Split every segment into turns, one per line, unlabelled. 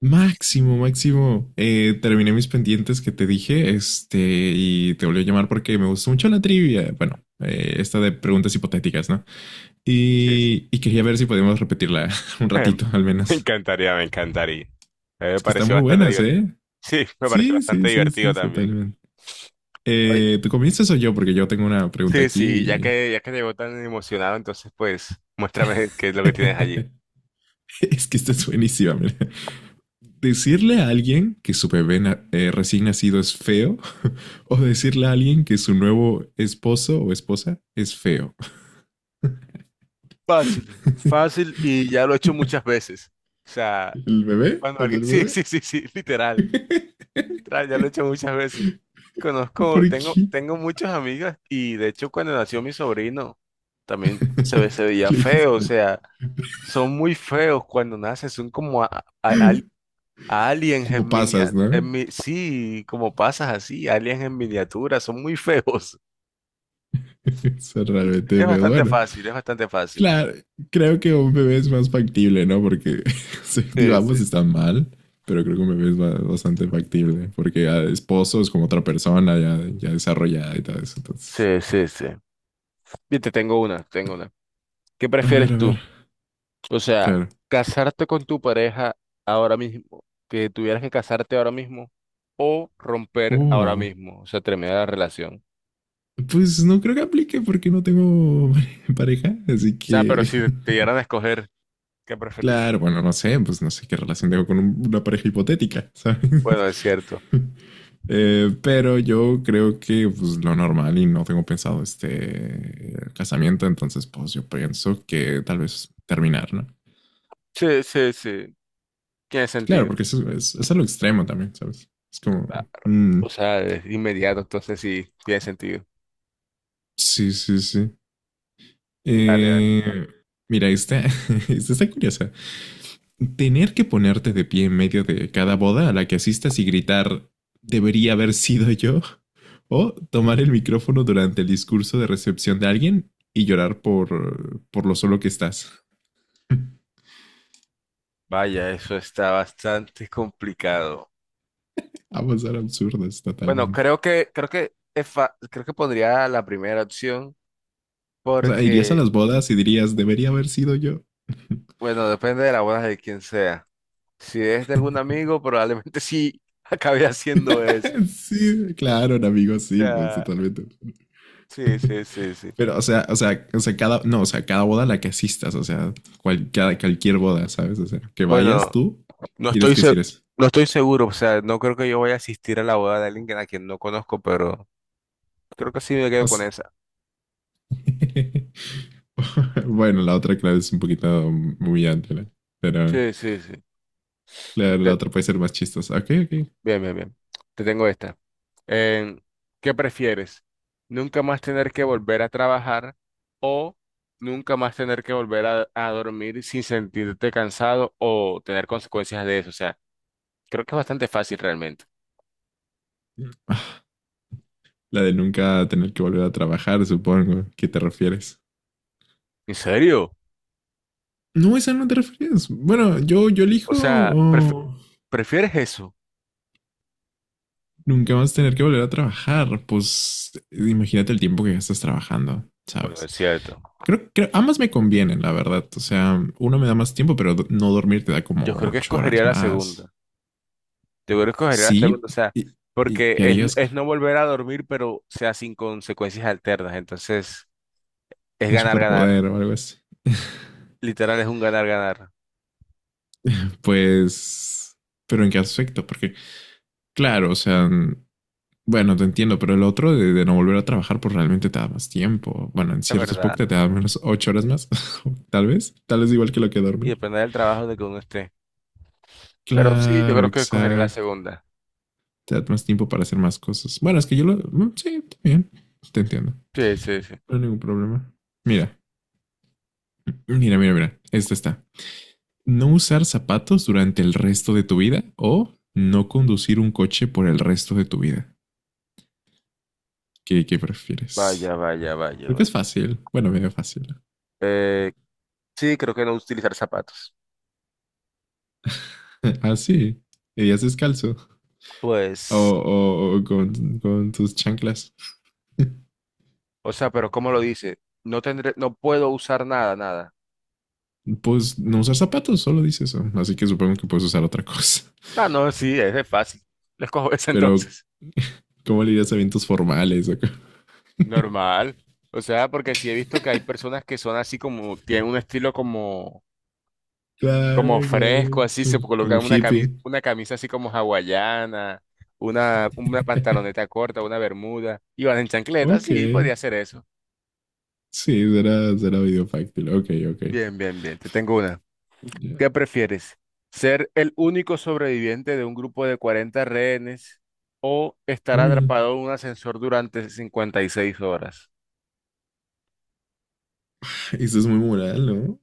Máximo, máximo. Terminé mis pendientes que te dije, y te volví a llamar porque me gustó mucho la trivia. Bueno, esta de preguntas hipotéticas, ¿no?
Sí, sí.
Y quería ver si podíamos repetirla un ratito, al
Me
menos.
encantaría, me encantaría. A mí me
Es que están
pareció
muy
bastante
buenas,
divertido.
¿eh?
Sí, me pareció
Sí, sí,
bastante
sí, sí,
divertido también.
totalmente.
Oye,
¿Tú comienzas o yo? Porque yo tengo una pregunta
sí,
aquí.
sí, ya que, ya que llegó tan emocionado, entonces pues muéstrame qué es lo que tienes allí.
Es que esta es buenísima, mira. Decirle a alguien que su recién nacido es feo, o decirle a alguien que su nuevo esposo o esposa es feo.
Fácil, fácil y ya lo he hecho muchas veces. O sea,
¿El bebé?
cuando
¿El
alguien.
del
Sí,
bebé?
sí, sí, sí, literal. Literal, ya lo he hecho muchas veces.
¿Por
Conozco, tengo,
qué?
tengo muchas amigas y de hecho cuando nació mi sobrino también se veía feo, o sea. Son muy feos cuando nacen, son como aliens
Como
en
pasas,
miniatura.
¿no?
Sí, como pasas así, aliens en miniatura, son muy feos.
Eso es realmente,
Es
pero
bastante
bueno,
fácil, es bastante fácil.
claro, creo que un bebé es más factible, ¿no? Porque sí,
Sí,
digamos,
sí.
está mal, pero creo que un bebé es bastante factible, porque ya esposo es como otra persona ya, ya desarrollada y todo eso. Entonces,
Sí, sí, sí. Bien, te tengo una, te tengo una. ¿Qué prefieres
a
tú?
ver,
O sea,
claro.
casarte con tu pareja ahora mismo, que tuvieras que casarte ahora mismo, o romper ahora
Oh,
mismo, o sea, terminar la relación.
pues no creo que aplique porque no tengo pareja, así
O sea, pero
que
si te dieran a escoger, ¿qué preferirías?
claro, bueno, no sé, pues no sé qué relación tengo con una pareja hipotética, ¿sabes?
Bueno, es cierto.
Pero yo creo que pues lo normal, y no tengo pensado este casamiento, entonces pues yo pienso que tal vez terminar, ¿no?
Sí, sí, sí. Tiene
Claro,
sentido.
porque eso es a lo extremo también, ¿sabes? Es como,
Ah,
mm,
o sea, es inmediato, entonces sí, tiene sentido.
sí, sí, sí.
Dale, dale.
Eh, Mira, esta, esta está curiosa. Tener que ponerte de pie en medio de cada boda a la que asistas y gritar, debería haber sido yo, o tomar el micrófono durante el discurso de recepción de alguien y llorar por lo solo que estás.
Vaya, eso está bastante complicado.
Ambas eran absurdas
Bueno,
totalmente.
creo que pondría la primera opción
O sea, irías a
porque,
las bodas y dirías, debería haber sido yo.
bueno, depende de la boda de quien sea. Si es de algún amigo, probablemente sí acabe haciendo eso. O
Sí, claro, amigo, sí, pues
sea,
totalmente.
sí, sí, sí, sí.
Pero, o sea, o sea, o sea, cada, no, o sea, cada boda a la que asistas, o sea, cualquier boda, ¿sabes? O sea, que vayas
Bueno,
tú,
no
tienes
estoy
que
se-
decir eso.
no estoy seguro, o sea, no creo que yo vaya a asistir a la boda de alguien a quien no conozco, pero creo que sí me quedo
O
con
sea,
esa.
bueno, la otra, claro, es un poquito humillante, ¿no? Pero
Sí, sí, sí.
la
Te-
otra puede ser más chistosa. Ok, ok.
Bien, bien, bien. Te tengo esta. En- ¿Qué prefieres? ¿Nunca más tener que volver a trabajar o nunca más tener que volver a dormir sin sentirte cansado o tener consecuencias de eso? O sea, creo que es bastante fácil realmente.
Ah. La de nunca tener que volver a trabajar, supongo. ¿Qué te refieres?
¿En serio?
No, esa no te refieres. Bueno, yo
O
elijo,
sea,
oh,
¿prefieres eso?
nunca más tener que volver a trabajar. Pues imagínate el tiempo que gastas trabajando,
Bueno,
¿sabes?
es cierto.
Creo que ambas me convienen, la verdad. O sea, uno me da más tiempo, pero no dormir te da
Yo
como
creo que
ocho
escogería
horas
la
más.
segunda. Yo creo que escogería la
Sí,
segunda, o sea,
y, y
porque
¿qué
es,
harías
es no volver a dormir, pero o sea sin consecuencias alternas. Entonces, es
un
ganar, ganar.
superpoder o algo así?
Literal es un ganar-ganar,
Pues, pero ¿en qué aspecto? Porque claro, o sea, bueno, te entiendo, pero el otro de no volver a trabajar, pues realmente te da más tiempo. Bueno, en
es
ciertos
verdad.
pocket te da menos, 8 horas más, tal vez. Tal vez igual que lo que
Y
dormir.
depende del trabajo de que uno esté. Pero sí, yo
Claro,
creo que escogería la
exacto.
segunda.
Te da más tiempo para hacer más cosas. Bueno, es que yo lo... sí, está bien. Te entiendo.
Sí, sí, sí.
No hay ningún problema. Mira, mira. Esta está. No usar zapatos durante el resto de tu vida, o no conducir un coche por el resto de tu vida. ¿Qué, qué prefieres?
Vaya, vaya, vaya,
Creo que es
vaya.
fácil. Bueno, medio fácil.
Eh, sí, creo que no utilizar zapatos.
Así. Ah, sí. Y ya descalzo.
Pues,
O con tus chanclas.
o sea, pero ¿cómo lo dice? No puedo usar nada, nada.
Pues no usar zapatos, solo dice eso. Así que supongo que puedes usar otra cosa.
Ah, no, sí, es de fácil. Les cojo esa
Pero,
entonces.
¿cómo le dirías a eventos formales?
Normal. O sea, porque sí he visto que hay personas que son así como, tienen un estilo como
Claro,
como fresco,
claro.
así
Como,
se coloca
como hippie.
una camisa así como hawaiana, una pantaloneta corta, una bermuda, y van en chancleta,
Ok.
sí, podría ser eso.
Sí, será, será video fácil. Ok, ok.
Bien, bien, bien, te tengo una.
Ya.
¿Qué prefieres? ¿Ser el único sobreviviente de un grupo de 40 rehenes o estar
Uy,
atrapado en un ascensor durante 56 horas?
eso es muy moral, ¿no?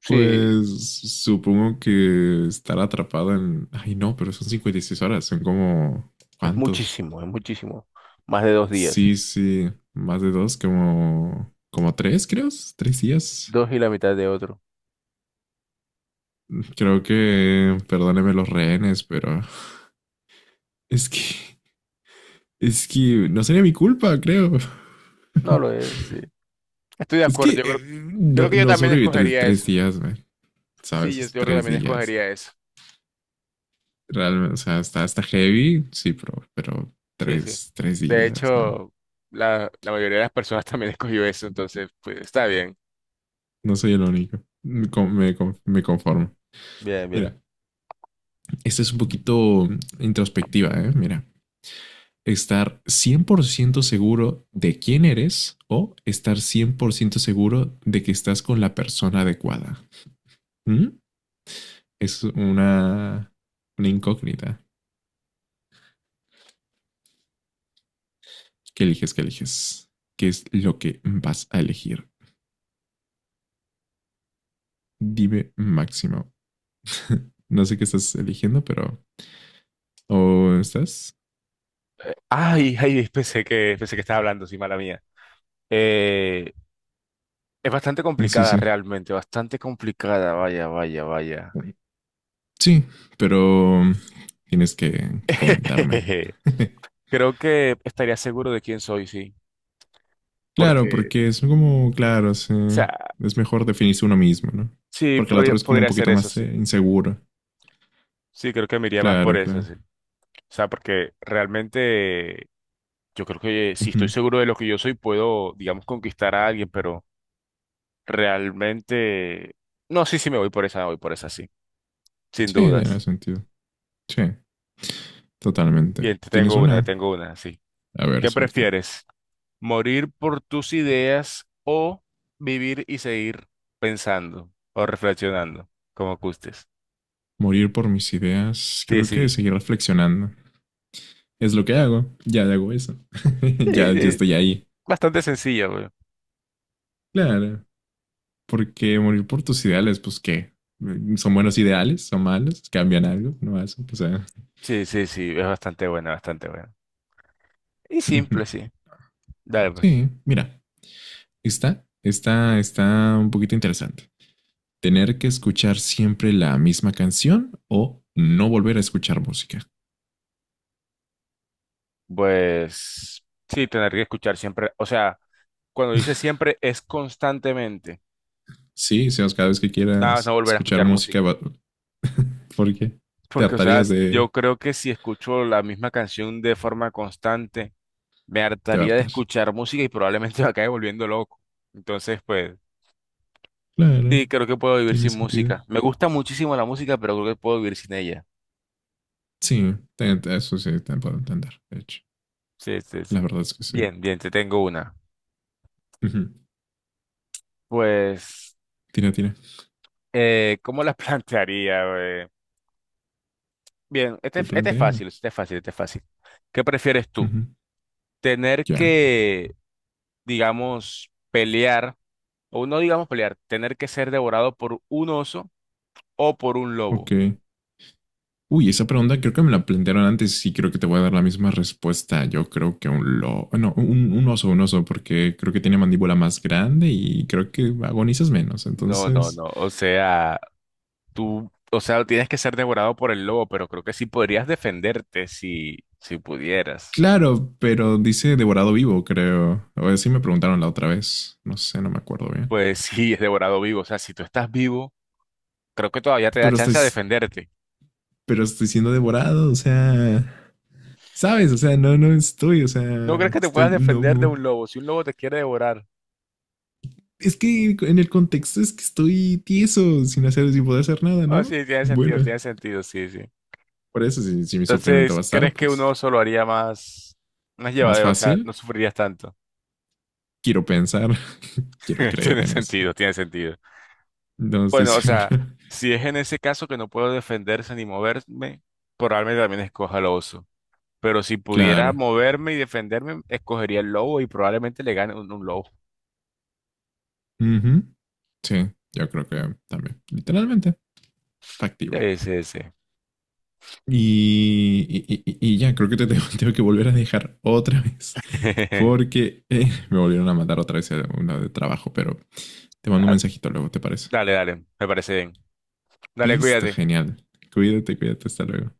Sí,
Pues supongo que estar atrapado en... Ay, no, pero son 56 horas. Son como...
es
¿Cuántos?
muchísimo, es muchísimo. Más de 2 días,
Sí, sí, más de dos, como, como tres, creo, tres días.
dos y la mitad de otro.
Creo que, perdóneme los rehenes, pero es que, es que no sería mi culpa, creo.
No lo es, sí. Estoy de
Es
acuerdo,
que
yo creo,
no,
creo que yo
no
también
sobreviví
escogería.
tres días, man,
Sí,
¿sabes?
yo,
Es
yo
tres
también
días.
escogería eso.
Realmente, o sea, está heavy, sí, pero
Sí, sí.
tres
De
días, no.
hecho, la mayoría de las personas también escogió eso, entonces, pues está bien.
No soy el único. Me conformo.
Bien, bien.
Mira, esta es un poquito introspectiva, ¿eh? Mira. Estar 100% seguro de quién eres, o estar 100% seguro de que estás con la persona adecuada. ¿Mm? Es una incógnita. ¿Qué eliges? ¿Qué eliges? ¿Qué es lo que vas a elegir? Dime máximo. No sé qué estás eligiendo, pero... ¿O estás?
Ay, ay, pensé que estaba hablando, sí, mala mía. Eh, es bastante
Sí,
complicada
sí.
realmente, bastante complicada, vaya, vaya, vaya.
Sí, pero tienes que comentarme.
Creo que estaría seguro de quién soy, sí,
Claro,
porque,
porque
o
es como, claro, sí,
sea,
es mejor definirse uno mismo, ¿no?
sí,
Porque el
podría,
otro es como un
podría ser
poquito
eso,
más
sí.
inseguro.
Sí, creo que me iría más por
Claro,
eso,
claro.
sí. O sea, porque realmente, yo creo que si estoy
Ujú.
seguro de lo que yo soy, puedo, digamos, conquistar a alguien, pero realmente. No, sí, sí, me voy por esa, me voy por esa, sí, sin
Sí, tiene
dudas.
sentido. Sí, totalmente.
Bien,
¿Tienes una?
te tengo una, sí.
A ver,
¿Qué
suelta.
prefieres? ¿Morir por tus ideas o vivir y seguir pensando o reflexionando, como gustes?
Morir por mis ideas.
Sí,
Creo que
sí,
seguir reflexionando. Es lo que hago. Ya hago eso.
sí,
Ya, ya
es
estoy ahí.
bastante sencilla, güey.
Claro. Porque morir por tus ideales, pues qué. ¿Son buenos ideales? ¿Son malos? ¿Cambian algo? No hacen. O sea.
Sí, sí, sí, es bastante buena, bastante buena. Y simple, sí. Dale, pues.
Sí, mira. Está un poquito interesante. Tener que escuchar siempre la misma canción, o no volver a escuchar música.
Pues sí, tener que escuchar siempre, o sea. Cuando dice siempre, es constantemente.
Sí, Sebas, cada vez que
Nada más no
quieras
volver a
escuchar
escuchar
música,
música.
porque te
Porque, o sea,
hartarías
yo creo que si escucho la misma canción de forma constante, me
te va a
hartaría de
hartar.
escuchar música y probablemente me acabe volviendo loco. Entonces, pues,
Claro,
sí, creo que puedo vivir
tiene
sin
sentido.
música. Me gusta muchísimo la música, pero creo que puedo vivir sin ella.
Sí, eso sí, te puedo entender, de hecho.
Sí, sí, sí.
La verdad es que sí.
Bien, bien, te tengo una.
Ujú.
Pues,
Tira, tira.
¿cómo la plantearía? ¿Eh? Bien, este,
Tú
este es
plantea.
fácil, este es fácil, este es fácil. ¿Qué prefieres tú?
Ujú.
¿Tener
Ya. Yeah.
que digamos, pelear, o no digamos pelear, tener que ser devorado por un oso o por un lobo?
Ok. Uy, esa pregunta creo que me la plantearon antes, y creo que te voy a dar la misma respuesta. Yo creo que un un oso, porque creo que tiene mandíbula más grande y creo que agonizas menos.
No, no,
Entonces,
no, o sea, tú, o sea, tienes que ser devorado por el lobo, pero creo que sí podrías defenderte si pudieras.
claro, pero dice devorado vivo, creo. O así me preguntaron la otra vez. No sé, no me acuerdo bien.
Pues sí, es devorado vivo, o sea, si tú estás vivo, creo que todavía te da
Pero estoy,
chance a defenderte.
pero estoy siendo devorado, o sea, sabes, no estoy, o sea,
¿No crees que te puedas
estoy, no,
defender de
mu-
un lobo si un lobo te quiere devorar?
es que en el contexto es que estoy tieso, sin hacer, sin poder hacer nada,
Ah,
¿no?
sí,
Bueno.
tiene sentido, sí, sí.
Por eso, si, si mi sufrimiento
Entonces,
va a estar,
¿crees que un
pues
oso lo haría más
más
llevadero? O sea, no
fácil.
sufrirías tanto.
Quiero pensar, quiero creer
Tiene
en eso.
sentido, tiene sentido.
No estoy
Bueno, o
seguro.
sea, si es en ese caso que no puedo defenderse ni moverme, probablemente también escoja al oso. Pero si pudiera
Claro.
moverme y defenderme, escogería el lobo y probablemente le gane un lobo.
Ujú. Sí, yo creo que también. Literalmente, factible.
Sí, sí, sí.
Y ya, creo que te tengo que volver a dejar otra vez. Porque me volvieron a mandar otra vez a una de trabajo, pero te mando un
Ah,
mensajito luego, ¿te parece?
dale, dale, me parece bien. Dale,
Listo,
cuídate.
genial. Cuídate, cuídate, hasta luego.